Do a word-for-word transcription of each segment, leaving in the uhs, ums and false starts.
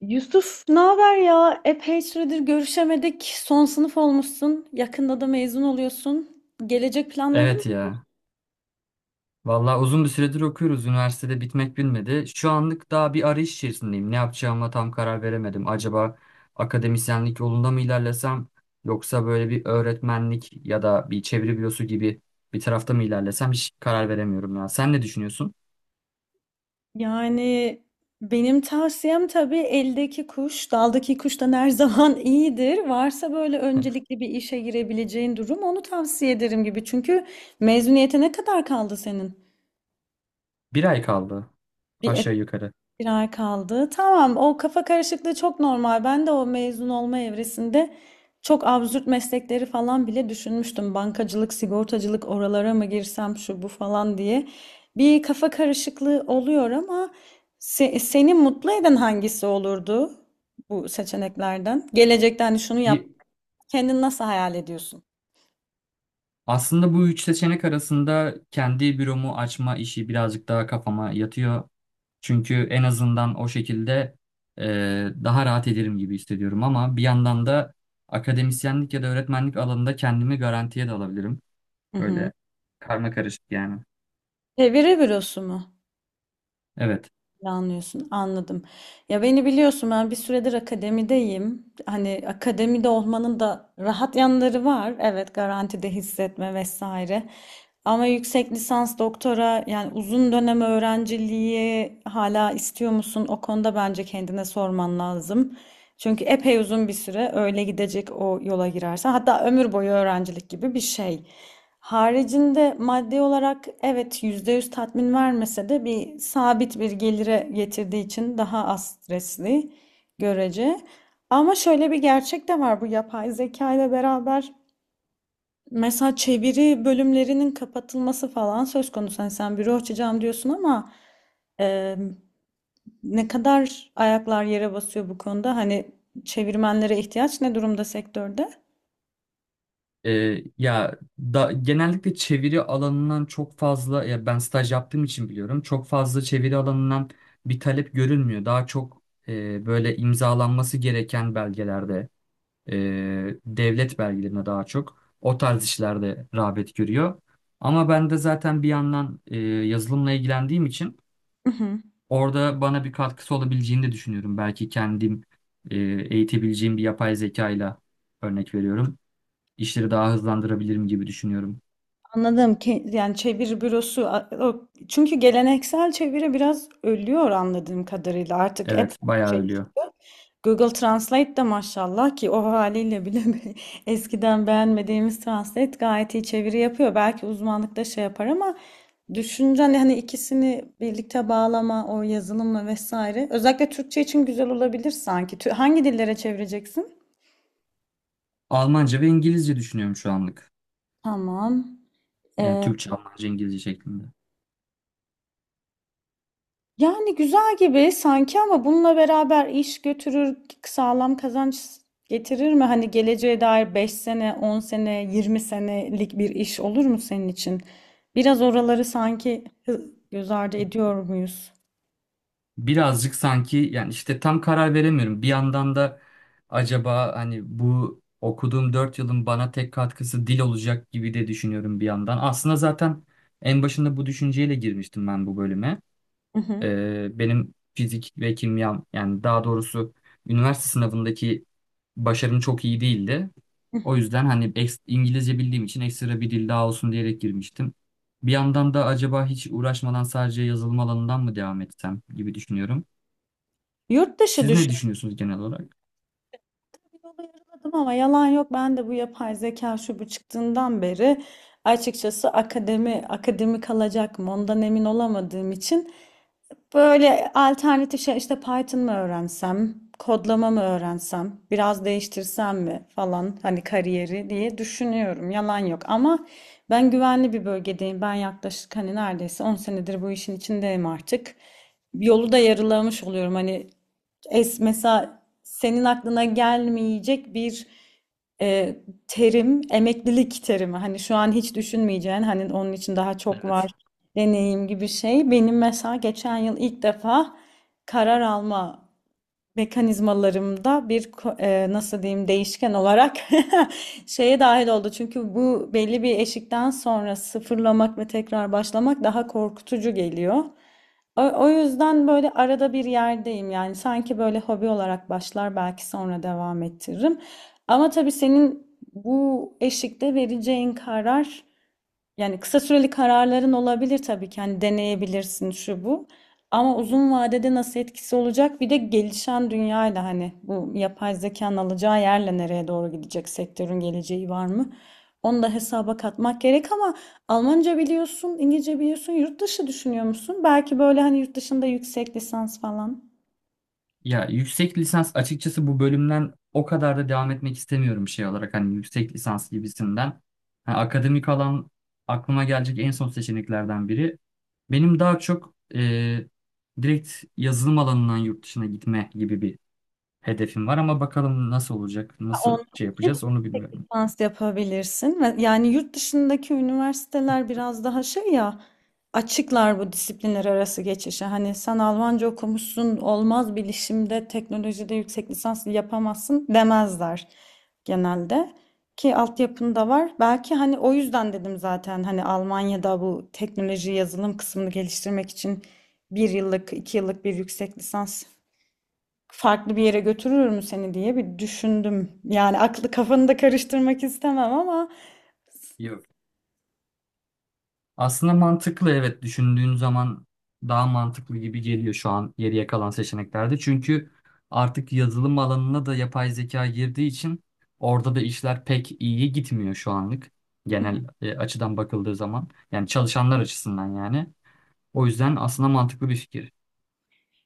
Yusuf, ne haber ya? Epey süredir görüşemedik. Son sınıf olmuşsun. Yakında da mezun oluyorsun. Gelecek planların Evet nedir? ya. Vallahi uzun bir süredir okuyoruz. Üniversitede bitmek bilmedi. Şu anlık daha bir arayış içerisindeyim. Ne yapacağıma tam karar veremedim. Acaba akademisyenlik yolunda mı ilerlesem yoksa böyle bir öğretmenlik ya da bir çeviri bürosu gibi bir tarafta mı ilerlesem hiç karar veremiyorum ya. Sen ne düşünüyorsun? Yani benim tavsiyem tabii eldeki kuş, daldaki kuştan her zaman iyidir. Varsa böyle öncelikli bir işe girebileceğin durum onu tavsiye ederim gibi. Çünkü mezuniyete ne kadar kaldı senin? Bir ay kaldı Bir aşağı yukarı. Bir ay kaldı. Tamam, o kafa karışıklığı çok normal. Ben de o mezun olma evresinde çok absürt meslekleri falan bile düşünmüştüm. Bankacılık, sigortacılık oralara mı girsem şu bu falan diye. Bir kafa karışıklığı oluyor ama se- seni mutlu eden hangisi olurdu bu seçeneklerden? Gelecekten şunu yap. Y- Kendini nasıl hayal ediyorsun? Aslında bu üç seçenek arasında kendi büromu açma işi birazcık daha kafama yatıyor. Çünkü en azından o şekilde e, daha rahat ederim gibi hissediyorum ama bir yandan da akademisyenlik ya da öğretmenlik alanında kendimi garantiye de alabilirim. Hı hı. Böyle karma karışık yani. Çeviri bürosu mu? Evet. Planlıyorsun, anladım. Ya beni biliyorsun ben bir süredir akademideyim. Hani akademide olmanın da rahat yanları var. Evet, garantide hissetme vesaire. Ama yüksek lisans, doktora yani uzun dönem öğrenciliği hala istiyor musun? O konuda bence kendine sorman lazım. Çünkü epey uzun bir süre öyle gidecek o yola girersen. Hatta ömür boyu öğrencilik gibi bir şey. Haricinde maddi olarak evet yüzde yüz tatmin vermese de bir sabit bir gelire getirdiği için daha az stresli görece. Ama şöyle bir gerçek de var bu yapay zeka ile beraber. Mesela çeviri bölümlerinin kapatılması falan söz konusu. Hani sen büro açacağım diyorsun ama e, ne kadar ayaklar yere basıyor bu konuda? Hani çevirmenlere ihtiyaç ne durumda sektörde? E, Ya da genellikle çeviri alanından çok fazla ya ben staj yaptığım için biliyorum. Çok fazla çeviri alanından bir talep görülmüyor. Daha çok e, böyle imzalanması gereken belgelerde e, devlet belgelerine daha çok o tarz işlerde rağbet görüyor. Ama ben de zaten bir yandan e, yazılımla ilgilendiğim için Hı hı. orada bana bir katkısı olabileceğini de düşünüyorum. Belki kendim e, eğitebileceğim bir yapay zeka ile örnek veriyorum. İşleri daha hızlandırabilirim gibi düşünüyorum. Anladım ki yani çeviri bürosu a- o- çünkü geleneksel çeviri biraz ölüyor anladığım kadarıyla artık epey Evet, bir bayağı şey. ölüyor. Google Translate de maşallah ki o haliyle bile eskiden beğenmediğimiz Translate gayet iyi çeviri yapıyor. Belki uzmanlıkta şey yapar ama düşünce hani hani ikisini birlikte bağlama o yazılımla vesaire. Özellikle Türkçe için güzel olabilir sanki. Tü- Hangi dillere çevireceksin? Almanca ve İngilizce düşünüyorum şu anlık. Tamam. Yani Türkçe, Almanca, İngilizce şeklinde. Yani güzel gibi sanki ama bununla beraber iş götürür, sağlam kazanç getirir mi? Hani geleceğe dair beş sene, on sene, yirmi senelik bir iş olur mu senin için? Biraz oraları sanki hı- göz ardı ediyor muyuz? Birazcık sanki yani işte tam karar veremiyorum. Bir yandan da acaba hani bu okuduğum dört yılın bana tek katkısı dil olacak gibi de düşünüyorum bir yandan. Aslında zaten en başında bu düşünceyle girmiştim ben bu bölüme. Hı hı. Ee, benim fizik ve kimyam yani daha doğrusu üniversite sınavındaki başarım çok iyi değildi. O yüzden hani eks- İngilizce bildiğim için ekstra bir dil daha olsun diyerek girmiştim. Bir yandan da acaba hiç uğraşmadan sadece yazılım alanından mı devam etsem gibi düşünüyorum. Yurt dışı Siz ne düşün. düşünüyorsunuz genel olarak? Yola yarıladım ama yalan yok. Ben de bu yapay zeka şu bu çıktığından beri açıkçası akademi akademi kalacak mı ondan emin olamadığım için böyle alternatif şey işte Python mı öğrensem, kodlama mı öğrensem, biraz değiştirsem mi falan hani kariyeri diye düşünüyorum. Yalan yok ama ben güvenli bir bölgedeyim. Ben yaklaşık hani neredeyse on senedir bu işin içindeyim artık. Yolu da yarılamış oluyorum. Hani es mesela senin aklına gelmeyecek bir e, terim, emeklilik terimi. Hani şu an hiç düşünmeyeceğin, hani onun için daha çok Evet. var deneyim gibi şey. Benim mesela geçen yıl ilk defa karar alma mekanizmalarımda bir ko- e, nasıl diyeyim değişken olarak şeye dahil oldu. Çünkü bu belli bir eşikten sonra sıfırlamak ve tekrar başlamak daha korkutucu geliyor. O, o yüzden böyle arada bir yerdeyim yani sanki böyle hobi olarak başlar belki sonra devam ettiririm. Ama tabii senin bu eşikte vereceğin karar yani kısa süreli kararların olabilir tabii ki. Hani deneyebilirsin şu bu. Ama uzun vadede nasıl etkisi olacak? Bir de gelişen dünyayla hani bu yapay zekanın alacağı yerle nereye doğru gidecek sektörün geleceği var mı? Onu da hesaba katmak gerek ama Almanca biliyorsun, İngilizce biliyorsun, yurt dışı düşünüyor musun? Belki böyle hani yurt dışında yüksek lisans falan. Ya yüksek lisans açıkçası bu bölümden o kadar da devam etmek istemiyorum şey olarak hani yüksek lisans gibisinden. Ha, akademik alan aklıma gelecek en son seçeneklerden biri. Benim daha çok e, direkt yazılım alanından yurt dışına gitme gibi bir hedefim var ama bakalım nasıl olacak, nasıl On- şey yapacağız onu bilmiyorum. Lisans yapabilirsin. Ve yani yurt dışındaki üniversiteler biraz daha şey ya açıklar bu disiplinler arası geçişe. Hani sen Almanca okumuşsun olmaz bilişimde teknolojide yüksek lisans yapamazsın demezler genelde. Ki altyapın da var. Belki hani o yüzden dedim zaten hani Almanya'da bu teknoloji yazılım kısmını geliştirmek için bir yıllık iki yıllık bir yüksek lisans farklı bir yere götürür mü seni diye bir düşündüm. Yani aklı kafanı da karıştırmak istemem ama Yok. Aslında mantıklı evet düşündüğün zaman daha mantıklı gibi geliyor şu an geriye kalan seçeneklerde. Çünkü artık yazılım alanına da yapay zeka girdiği için orada da işler pek iyi gitmiyor şu anlık. Genel e, açıdan bakıldığı zaman yani çalışanlar açısından yani. O yüzden aslında mantıklı bir fikir.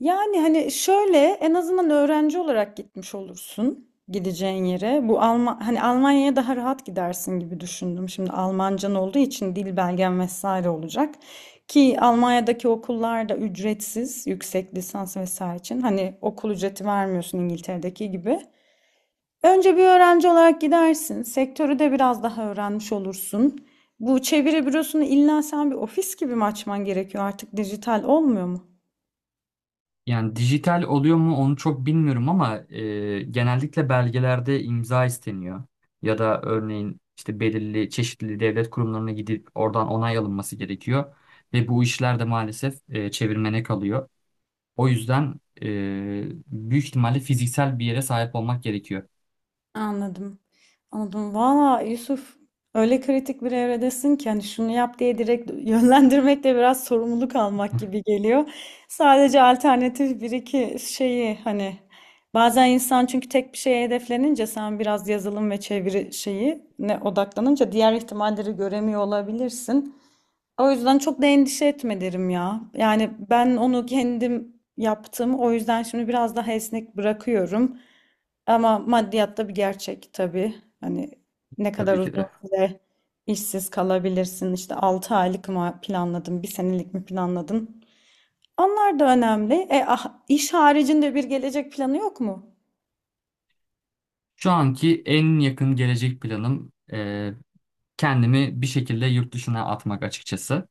yani hani şöyle en azından öğrenci olarak gitmiş olursun gideceğin yere. Bu Alma hani Almanya'ya daha rahat gidersin gibi düşündüm. Şimdi Almancan olduğu için dil belgen vesaire olacak. Ki Almanya'daki okullar da ücretsiz yüksek lisans vesaire için. Hani okul ücreti vermiyorsun İngiltere'deki gibi. Önce bir öğrenci olarak gidersin. Sektörü de biraz daha öğrenmiş olursun. Bu çeviri bürosunu illa sen bir ofis gibi mi açman gerekiyor? Artık dijital olmuyor mu? Yani dijital oluyor mu onu çok bilmiyorum ama e, genellikle belgelerde imza isteniyor. Ya da örneğin işte belirli çeşitli devlet kurumlarına gidip oradan onay alınması gerekiyor. Ve bu işler de maalesef e, çevirmene kalıyor. O yüzden e, büyük ihtimalle fiziksel bir yere sahip olmak gerekiyor. Anladım. Anladım. Valla Yusuf öyle kritik bir evredesin ki hani şunu yap diye direkt yönlendirmek de biraz sorumluluk almak gibi geliyor. Sadece alternatif bir iki şeyi hani bazen insan çünkü tek bir şeye hedeflenince sen biraz yazılım ve çeviri şeyi ne odaklanınca diğer ihtimalleri göremiyor olabilirsin. O yüzden çok da endişe etme derim ya. Yani ben onu kendim yaptım. O yüzden şimdi biraz daha esnek bırakıyorum. Ama maddiyat da bir gerçek tabii. Hani ne kadar Tabii ki uzun de. süre işsiz kalabilirsin. İşte altı aylık mı planladın, bir senelik mi planladın? Onlar da önemli. E, ah, iş haricinde bir gelecek planı yok mu? Şu anki en yakın gelecek planım e, kendimi bir şekilde yurt dışına atmak açıkçası.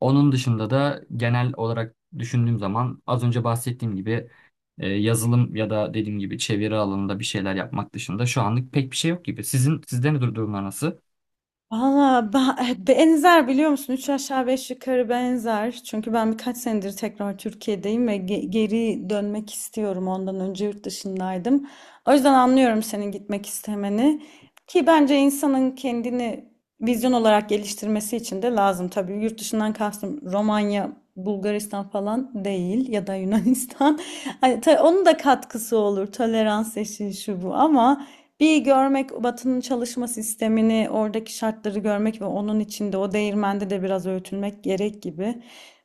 Onun dışında da genel olarak düşündüğüm zaman az önce bahsettiğim gibi e, yazılım ya da dediğim gibi çeviri alanında bir şeyler yapmak dışında şu anlık pek bir şey yok gibi. Sizin sizde ne dur- durumlar nasıl? Valla ben- eh, benzer biliyor musun? Üç aşağı beş yukarı benzer. Çünkü ben birkaç senedir tekrar Türkiye'deyim ve ge- geri dönmek istiyorum. Ondan önce yurt dışındaydım. O yüzden anlıyorum senin gitmek istemeni. Ki bence insanın kendini vizyon olarak geliştirmesi için de lazım. Tabii yurt dışından kastım Romanya, Bulgaristan falan değil ya da Yunanistan. Hani ta- onun da katkısı olur. Tolerans eşiği şu bu ama bir görmek Batı'nın çalışma sistemini, oradaki şartları görmek ve onun içinde o değirmende de biraz öğütülmek gerek gibi.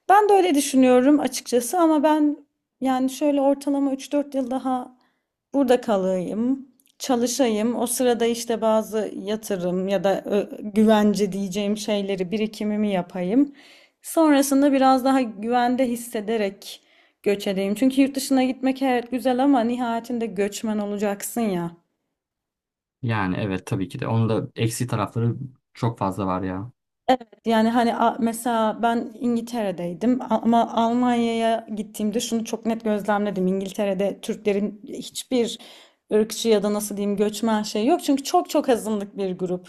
Ben de öyle düşünüyorum açıkçası ama ben yani şöyle ortalama üç dört yıl daha burada kalayım, çalışayım. O sırada işte bazı yatırım ya da ö, güvence diyeceğim şeyleri, birikimimi yapayım. Sonrasında biraz daha güvende hissederek göç edeyim. Çünkü yurt dışına gitmek evet güzel ama nihayetinde göçmen olacaksın ya. Yani evet tabii ki de. Onun da eksi tarafları çok fazla var ya. Yani hani a- mesela ben İngiltere'deydim ama Almanya'ya gittiğimde şunu çok net gözlemledim. İngiltere'de Türklerin hiçbir ırkçı ya da nasıl diyeyim göçmen şey yok. Çünkü çok çok azınlık bir grup.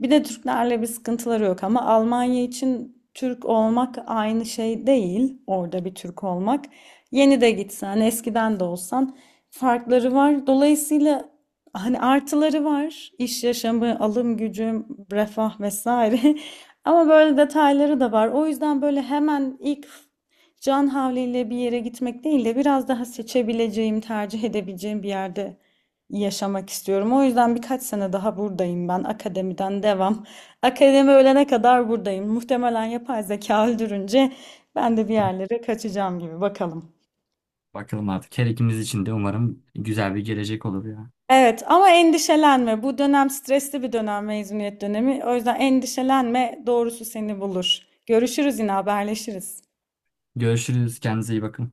Bir de Türklerle bir sıkıntıları yok ama Almanya için Türk olmak aynı şey değil. Orada bir Türk olmak. Yeni de gitsen, eskiden de olsan farkları var. Dolayısıyla hani artıları var. İş yaşamı, alım gücüm, refah vesaire. Ama böyle detayları da var. O yüzden böyle hemen ilk can havliyle bir yere gitmek değil de biraz daha seçebileceğim, tercih edebileceğim bir yerde yaşamak istiyorum. O yüzden birkaç sene daha buradayım ben. Akademiden devam. Akademi ölene kadar buradayım. Muhtemelen yapay zeka öldürünce ben de bir yerlere kaçacağım gibi. Bakalım. Bakalım artık her ikimiz için de umarım güzel bir gelecek olur ya. Evet ama endişelenme. Bu dönem stresli bir dönem mezuniyet dönemi. O yüzden endişelenme, doğrusu seni bulur. Görüşürüz yine haberleşiriz. Görüşürüz. Kendinize iyi bakın.